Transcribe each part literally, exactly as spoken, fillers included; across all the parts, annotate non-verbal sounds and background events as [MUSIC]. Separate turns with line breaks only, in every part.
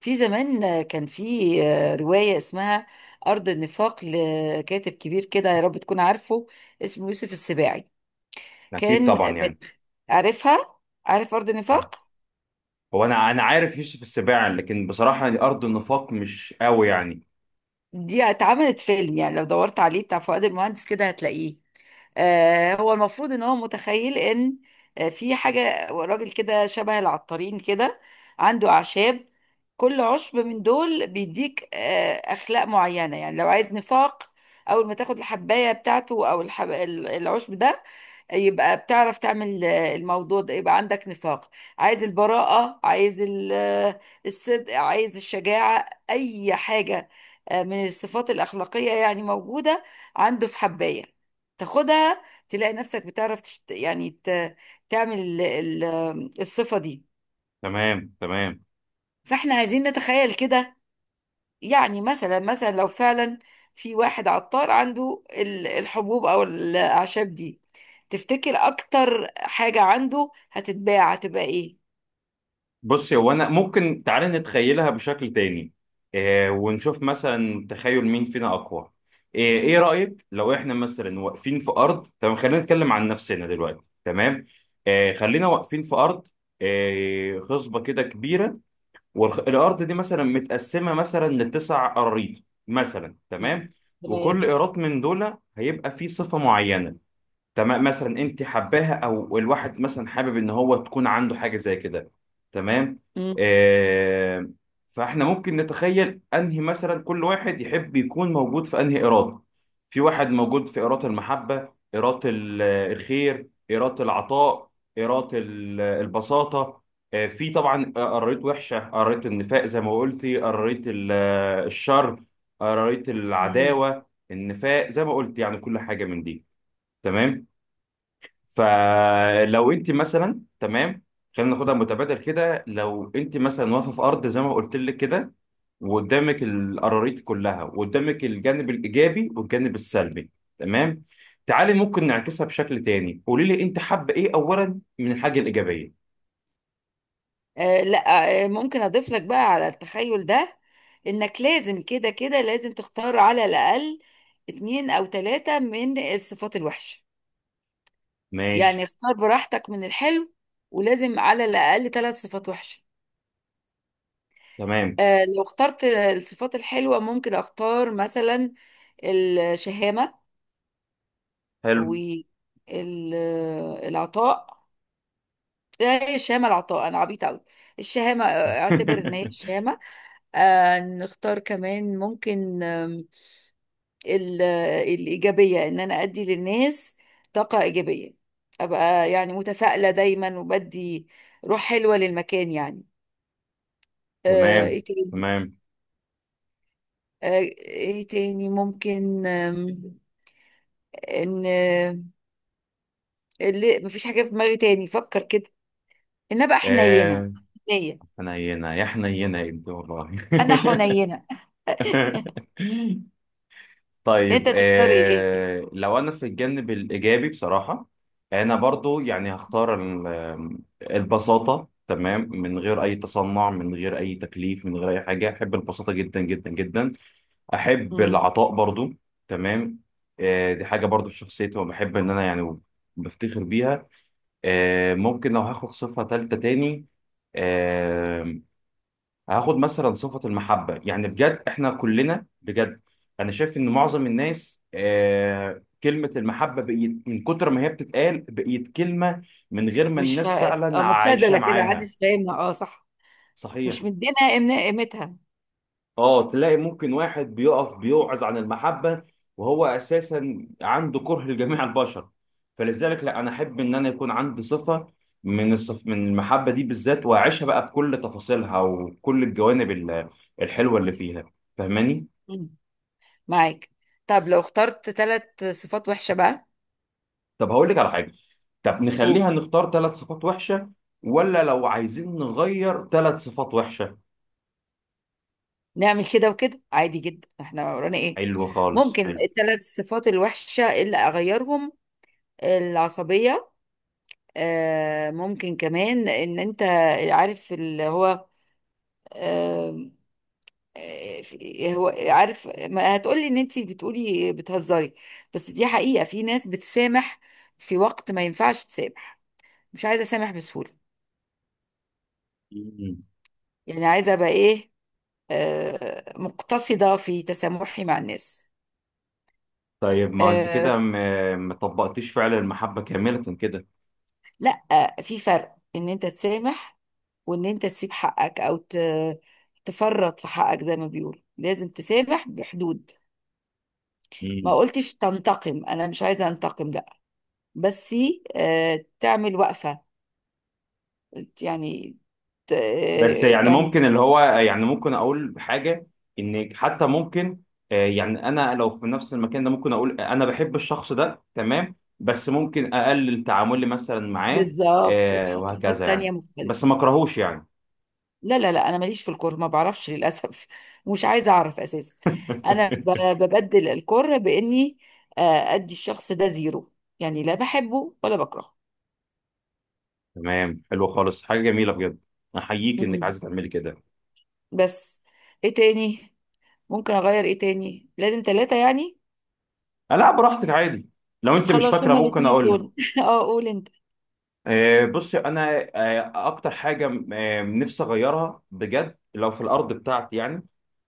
في زمان كان في آه، رواية اسمها أرض النفاق لكاتب كبير كده. يا رب تكون عارفه. اسمه يوسف السباعي.
اكيد
كان
طبعا يعني.
بت... عارفها؟ عارف أرض النفاق؟
هو انا انا عارف يوسف السباع، لكن بصراحه دي ارض النفاق مش قوي يعني.
دي اتعملت فيلم، يعني لو دورت عليه بتاع فؤاد المهندس كده هتلاقيه. آه، هو المفروض ان هو متخيل ان آه، في حاجة، راجل كده شبه العطارين، كده عنده أعشاب. كل عشب من دول بيديك آه، أخلاق معينة. يعني لو عايز نفاق، أول ما تاخد الحباية بتاعته أو الحب... ال- العشب ده، يبقى بتعرف تعمل آه، الموضوع ده، يبقى عندك نفاق. عايز البراءة، عايز ال- آه، الصدق، عايز الشجاعة، أي حاجة آه، من الصفات الأخلاقية يعني موجودة. عنده في حباية تاخدها تلاقي نفسك بتعرف تشت... يعني ت... تعمل ال... ال... الصفة دي.
تمام تمام.
فاحنا عايزين نتخيل كده. يعني مثلا مثلا لو فعلا في واحد عطار عنده ال- الحبوب او الاعشاب دي، تفتكر اكتر حاجة عنده هتتباع هتبقى ايه؟
بص، هو انا ممكن تعالى نتخيلها بشكل تاني. إيه، ونشوف مثلا تخيل مين فينا اقوى. إيه, ايه رايك لو احنا مثلا واقفين في ارض، تمام؟ خلينا نتكلم عن نفسنا دلوقتي، تمام؟ إيه، خلينا واقفين في ارض، إيه، خصبه كده كبيره. والارض دي مثلا متقسمه مثلا لتسع اراضي مثلا،
مم.
تمام؟ وكل
تمام.
ايراد من دول هيبقى فيه صفه معينه، تمام. مثلا انت حباها او الواحد مثلا حابب ان هو تكون عنده حاجه زي كده، تمام.
مم.
آه. فاحنا ممكن نتخيل انهي مثلا كل واحد يحب يكون موجود في انهي اراده. في واحد موجود في اراده المحبه، اراده ال- الخير، اراده العطاء، اراده ال- البساطه. آه، في طبعا آه، قريت وحشه، قريت النفاق زي ما قلتي، قريت ال- الشر، قريت
مم.
العداوه، النفاق زي ما قلت، يعني كل حاجه من دي، تمام. فلو انت مثلا، تمام، خلينا ناخدها متبادل كده، لو انت مثلا واقفه في ارض زي ما قلت لك كده، وقدامك القراريط كلها، وقدامك الجانب الايجابي والجانب السلبي، تمام. تعالي ممكن نعكسها بشكل تاني، قولي لي انت حابه ايه اولا من الحاجه الايجابيه.
آه لا، آه ممكن اضيف لك بقى على التخيل ده، انك لازم كده كده لازم تختار على الاقل اتنين او تلاتة من الصفات الوحشة. يعني
ماشي.
اختار براحتك من الحلو، ولازم على الأقل ثلاث صفات وحشة.
تمام،
آه لو اخترت الصفات الحلوة ممكن اختار مثلا الشهامة
حلو.
والعطاء. ايه الشهامة العطاء، انا عبيطة قوي. الشهامة، آه، اعتبر ان هي
[LAUGHS]
الشهامة. آه نختار كمان ممكن، آم، ال- آه، الإيجابية، ان انا ادي للناس طاقة إيجابية، ابقى يعني متفائلة دايما وبدي روح حلوة للمكان يعني. آه، ايه
تمام
تاني؟
تمام
آه، ايه تاني ممكن؟ آم، ان آه، اللي مفيش حاجه في دماغي تاني، فكر كده. انا بقى حنينه،
آه.
حنيه
حنينه يا حنينه يا ابني والله.
انا حنينه.
[LAUGHS]
انت
طيب،
تختار ايه؟
آه، لو انا في الجانب الايجابي بصراحه، انا برضو يعني هختار ال- البساطه، تمام، من غير اي تصنع، من غير اي تكليف، من غير اي حاجه، احب البساطه جدا جدا جدا. احب
مم.
العطاء برضو، تمام. آه، دي حاجه برضو في شخصيتي وبحب ان انا يعني بفتخر بيها. آه، ممكن لو هاخد صفه ثالثه تاني، آه، هاخد مثلا صفة المحبة، يعني بجد احنا كلنا بجد، انا شايف ان معظم الناس آه كلمة المحبة بقيت من كتر ما هي بتتقال بقيت كلمة من غير ما
مش
الناس
فا... آه،
فعلا عايشة
مبتذله كده
معاها.
محدش فاهمها، اه صح.
صحيح.
مش مدينا قيمنا- قيمتها.
اه، تلاقي ممكن واحد بيقف بيوعظ عن المحبة، وهو اساسا عنده كره لجميع البشر. فلذلك لا، انا احب ان انا يكون عندي صفة من الصف من المحبة دي بالذات، واعيشها بقى بكل تفاصيلها وكل الجوانب ال- الحلوة اللي فيها. فاهماني؟
مم. معاك. طب لو اخترت ثلاث صفات وحشه بقى
طب هقول لك على حاجه، طب نخليها نختار ثلاث صفات وحشه، ولا لو عايزين نغير ثلاث صفات وحشه.
ونعمل كده وكده، عادي جدا، احنا ورانا ايه.
حلو خالص،
ممكن
حلو.
الثلاث صفات الوحشه اللي اغيرهم: العصبيه. آه، ممكن كمان، ان انت عارف اللي هو، آه، آه، في- هو عارف ما هتقولي، ان انت بتقولي بتهزري، بس دي حقيقة. في ناس بتسامح في وقت ما ينفعش تسامح. مش عايزة اسامح بسهولة،
مم.
يعني عايزة ابقى ايه، آه، مقتصدة في تسامحي مع الناس.
طيب ما انت
آه،
كده ما ما طبقتيش فعل المحبه كامله كده.
لا، في فرق ان انت تسامح وان انت تسيب حقك او ت- تفرط في حقك. زي ما بيقولوا لازم تسامح بحدود. ما
مم.
قلتش تنتقم، انا مش عايزه انتقم، لا، بس آه، تعمل وقفه يعني، ت-
بس
آه،
يعني
يعني
ممكن اللي هو، يعني ممكن اقول حاجه، ان حتى ممكن، آه، يعني انا لو في نفس المكان ده ممكن اقول انا بحب الشخص ده، تمام، بس ممكن اقلل تعاملي مثلا معاه.
بالظبط
آه،
تحط حدود
وهكذا
تانية
يعني،
مختلفه.
بس ما اكرهوش يعني.
لا لا لا، انا ماليش في الكره، ما بعرفش للاسف [LAUGHS] مش عايزه اعرف اساسا. انا ب-
[LAUGHS]
ببدل الكره باني آه، ادي الشخص ده زيرو، يعني لا بحبه ولا بكرهه.
تمام، حلو خالص، حاجه جميله بجد، احييك انك
مم.
عايزه تعملي كده.
بس ايه تاني ممكن اغير؟ ايه تاني؟ لازم ثلاثه يعني.
آه، لا براحتك عادي، لو انت مش
خلاص
فاكره
هما
ممكن
الاثنين
اقول لك.
دول [LAUGHS] اه، قول انت.
آه، بصي انا، آه، اكتر حاجه آه، نفسي اغيرها بجد لو في الارض بتاعتي يعني،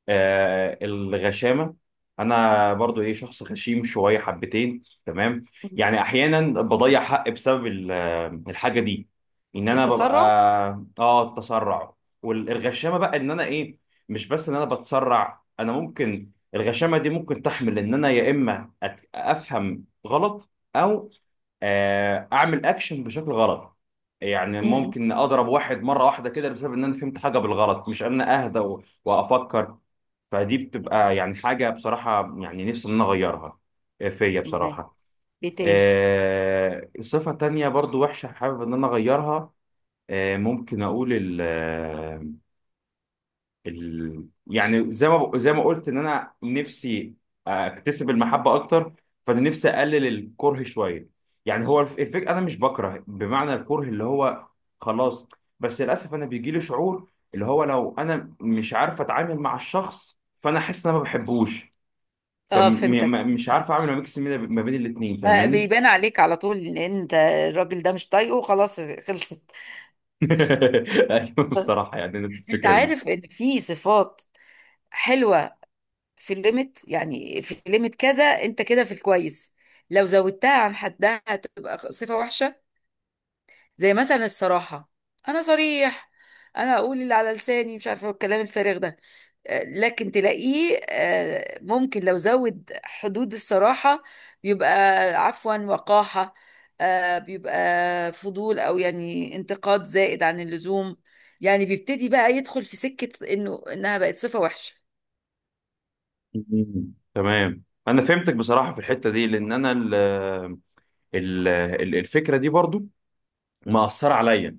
آه، الغشامة. أنا برضو إيه، شخص غشيم شوية حبتين، تمام. يعني أحيانا بضيع حق بسبب ال- آه، الحاجة دي، إن أنا ببقى.
التسرع.
آه، التسرع والغشامة بقى، إن أنا إيه، مش بس إن أنا بتسرع، أنا ممكن الغشامة دي ممكن تحمل إن أنا يا إما أت- أفهم غلط، أو آه، أعمل أكشن بشكل غلط. يعني
امم.
ممكن اضرب واحد مره واحده كده بسبب ان انا فهمت حاجه بالغلط، مش ان انا اهدى و- وافكر. فدي بتبقى يعني حاجة بصراحة يعني نفسي إن أنا أغيرها. آه، فيا
معايا.
بصراحة.
ايه تاني؟
آه، صفة تانية برضو وحشة حابب إن أنا أغيرها، آه، ممكن أقول ال آه، ال يعني زي ما ب- زي ما قلت إن أنا نفسي أكتسب المحبة أكتر، فأنا نفسي أقلل الكره شوية. يعني هو الف- الفكرة، أنا مش بكره بمعنى الكره اللي هو خلاص، بس للأسف أنا بيجيلي شعور اللي هو لو أنا مش عارف أتعامل مع الشخص فأنا أحس إن أنا ما بحبوش.
اه فهمتك.
فمش عارف اعمل ميكس ما بين الاثنين،
ما
فاهماني؟
بيبان عليك على طول ان انت الراجل ده مش طايقه، خلاص خلصت [LAUGHS]
[LAUGHS] ايوه
بس
بصراحه، يعني نفس
انت
الفكره دي.
عارف ان في صفات حلوه في الليميت، يعني في الليميت كذا انت كده في الكويس، لو زودتها عن حدها هتبقى صفه وحشه. زي مثلا الصراحة. أنا صريح، أنا أقول اللي على لساني، مش عارفة الكلام الفارغ ده. آه، لكن تلاقيه آه، ممكن لو زود حدود الصراحة بيبقى، عفوا، وقاحة، آه، بيبقى فضول، أو يعني انتقاد زائد عن اللزوم. يعني بيبتدي بقى يدخل في سكة إنه إنها بقت صفة وحشة.
مم. تمام، انا فهمتك بصراحه في الحته دي، لان انا ال ال ال- الفكره دي برضو مأثره عليا.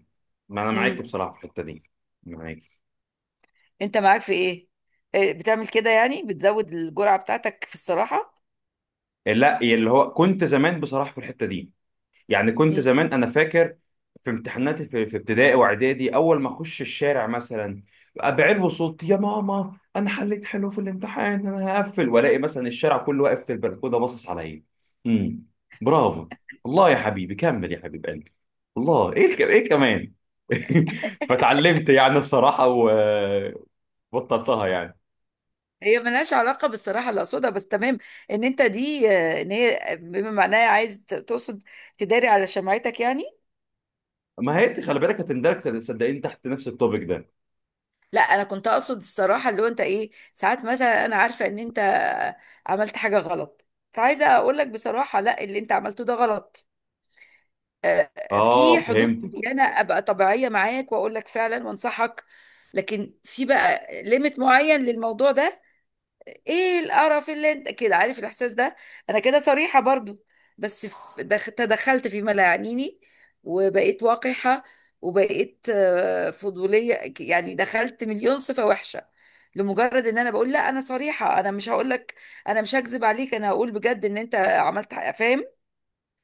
ما انا معاك
مم.
بصراحه في الحته دي. معاك.
أنت معاك في إيه؟ آه، بتعمل كده، يعني بتزود الجرعة بتاعتك في الصراحة؟
لا، اللي هو كنت زمان بصراحه في الحته دي، يعني كنت زمان انا فاكر في امتحاناتي في في ابتدائي واعدادي، اول ما اخش الشارع مثلا بعلو صوتي: يا ماما انا حليت حلو في الامتحان، انا هقفل والاقي مثلا الشارع كله واقف في البلكونه باصص عليا. امم، برافو، الله يا حبيبي كمل يا حبيب قلبي، الله، ايه ك- ايه كمان. [LAUGHS] فتعلمت يعني بصراحه وبطلتها يعني.
هي ملهاش علاقة بالصراحة اللي أقصدها، بس تمام. إن أنت دي، آه، إن هي بما معناها عايز ت- تقصد تداري على شمعتك يعني.
ما هي انت خلي بالك هتندرج صدقين تحت نفس التوبيك ده.
لا، أنا كنت أقصد الصراحة اللي هو أنت إيه، ساعات مثلا أنا عارفة إن أنت عملت حاجة غلط، فعايزة أقول لك بصراحة لا، اللي أنت عملته ده غلط. آه، في
اه
حدود
فهمتك.
معينة أبقى طبيعية معاك وأقول لك فعلا وأنصحك، لكن في بقى ليميت معين للموضوع ده. ايه القرف اللي انت كده، عارف الاحساس ده؟ انا كده صريحة برضو، بس ف- دخ- تدخلت فيما لا يعنيني، وبقيت وقحة، وبقيت آه، فضولية، ك- يعني دخلت مليون صفة وحشة لمجرد ان انا بقول لا انا صريحة، انا مش هقول لك، انا مش هكذب عليك، انا هقول بجد ان انت عملت حق- فاهم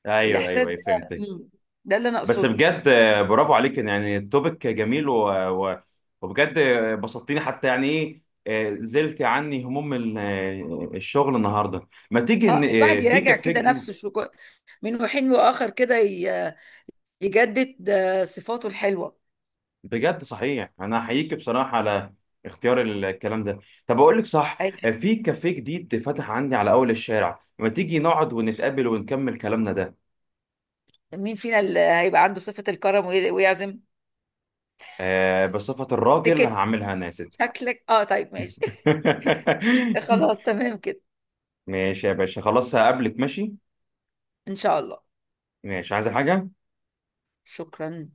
ايوه
الاحساس
ايوه
ده.
أيوة، فهمتك.
مم. ده اللي انا
بس
اقصده.
بجد، آه، برافو عليك، يعني التوبيك جميل و... و... وبجد آه، بسطتني حتى، يعني ايه، آه، زلت عني هموم ال- آه، الشغل النهارده. ما تيجي
اه،
إن-
الواحد
آه، في
يراجع
كفيك
كده
دي.
نفسه شو من حين واخر كده، ي- يجدد آه، صفاته الحلوة.
بجد صحيح انا احييك بصراحه على اختيار ال- الكلام ده. طب اقول لك صح، آه، في كافيه جديد فتح عندي على اول الشارع، ما تيجي نقعد ونتقابل ونكمل كلامنا ده.
مين فينا اللي هيبقى عنده صفة الكرم وي- ويعزم؟
آه، بصفة الراجل
تكت.
هعملها انا يا ست.
شكلك اه، طيب ماشي [LAUGHS]
[LAUGHS]
خلاص تمام كده.
ماشي يا باشا، خلاص هقابلك، ماشي.
ان شاء الله.
ماشي، عايز حاجة؟
شكرا.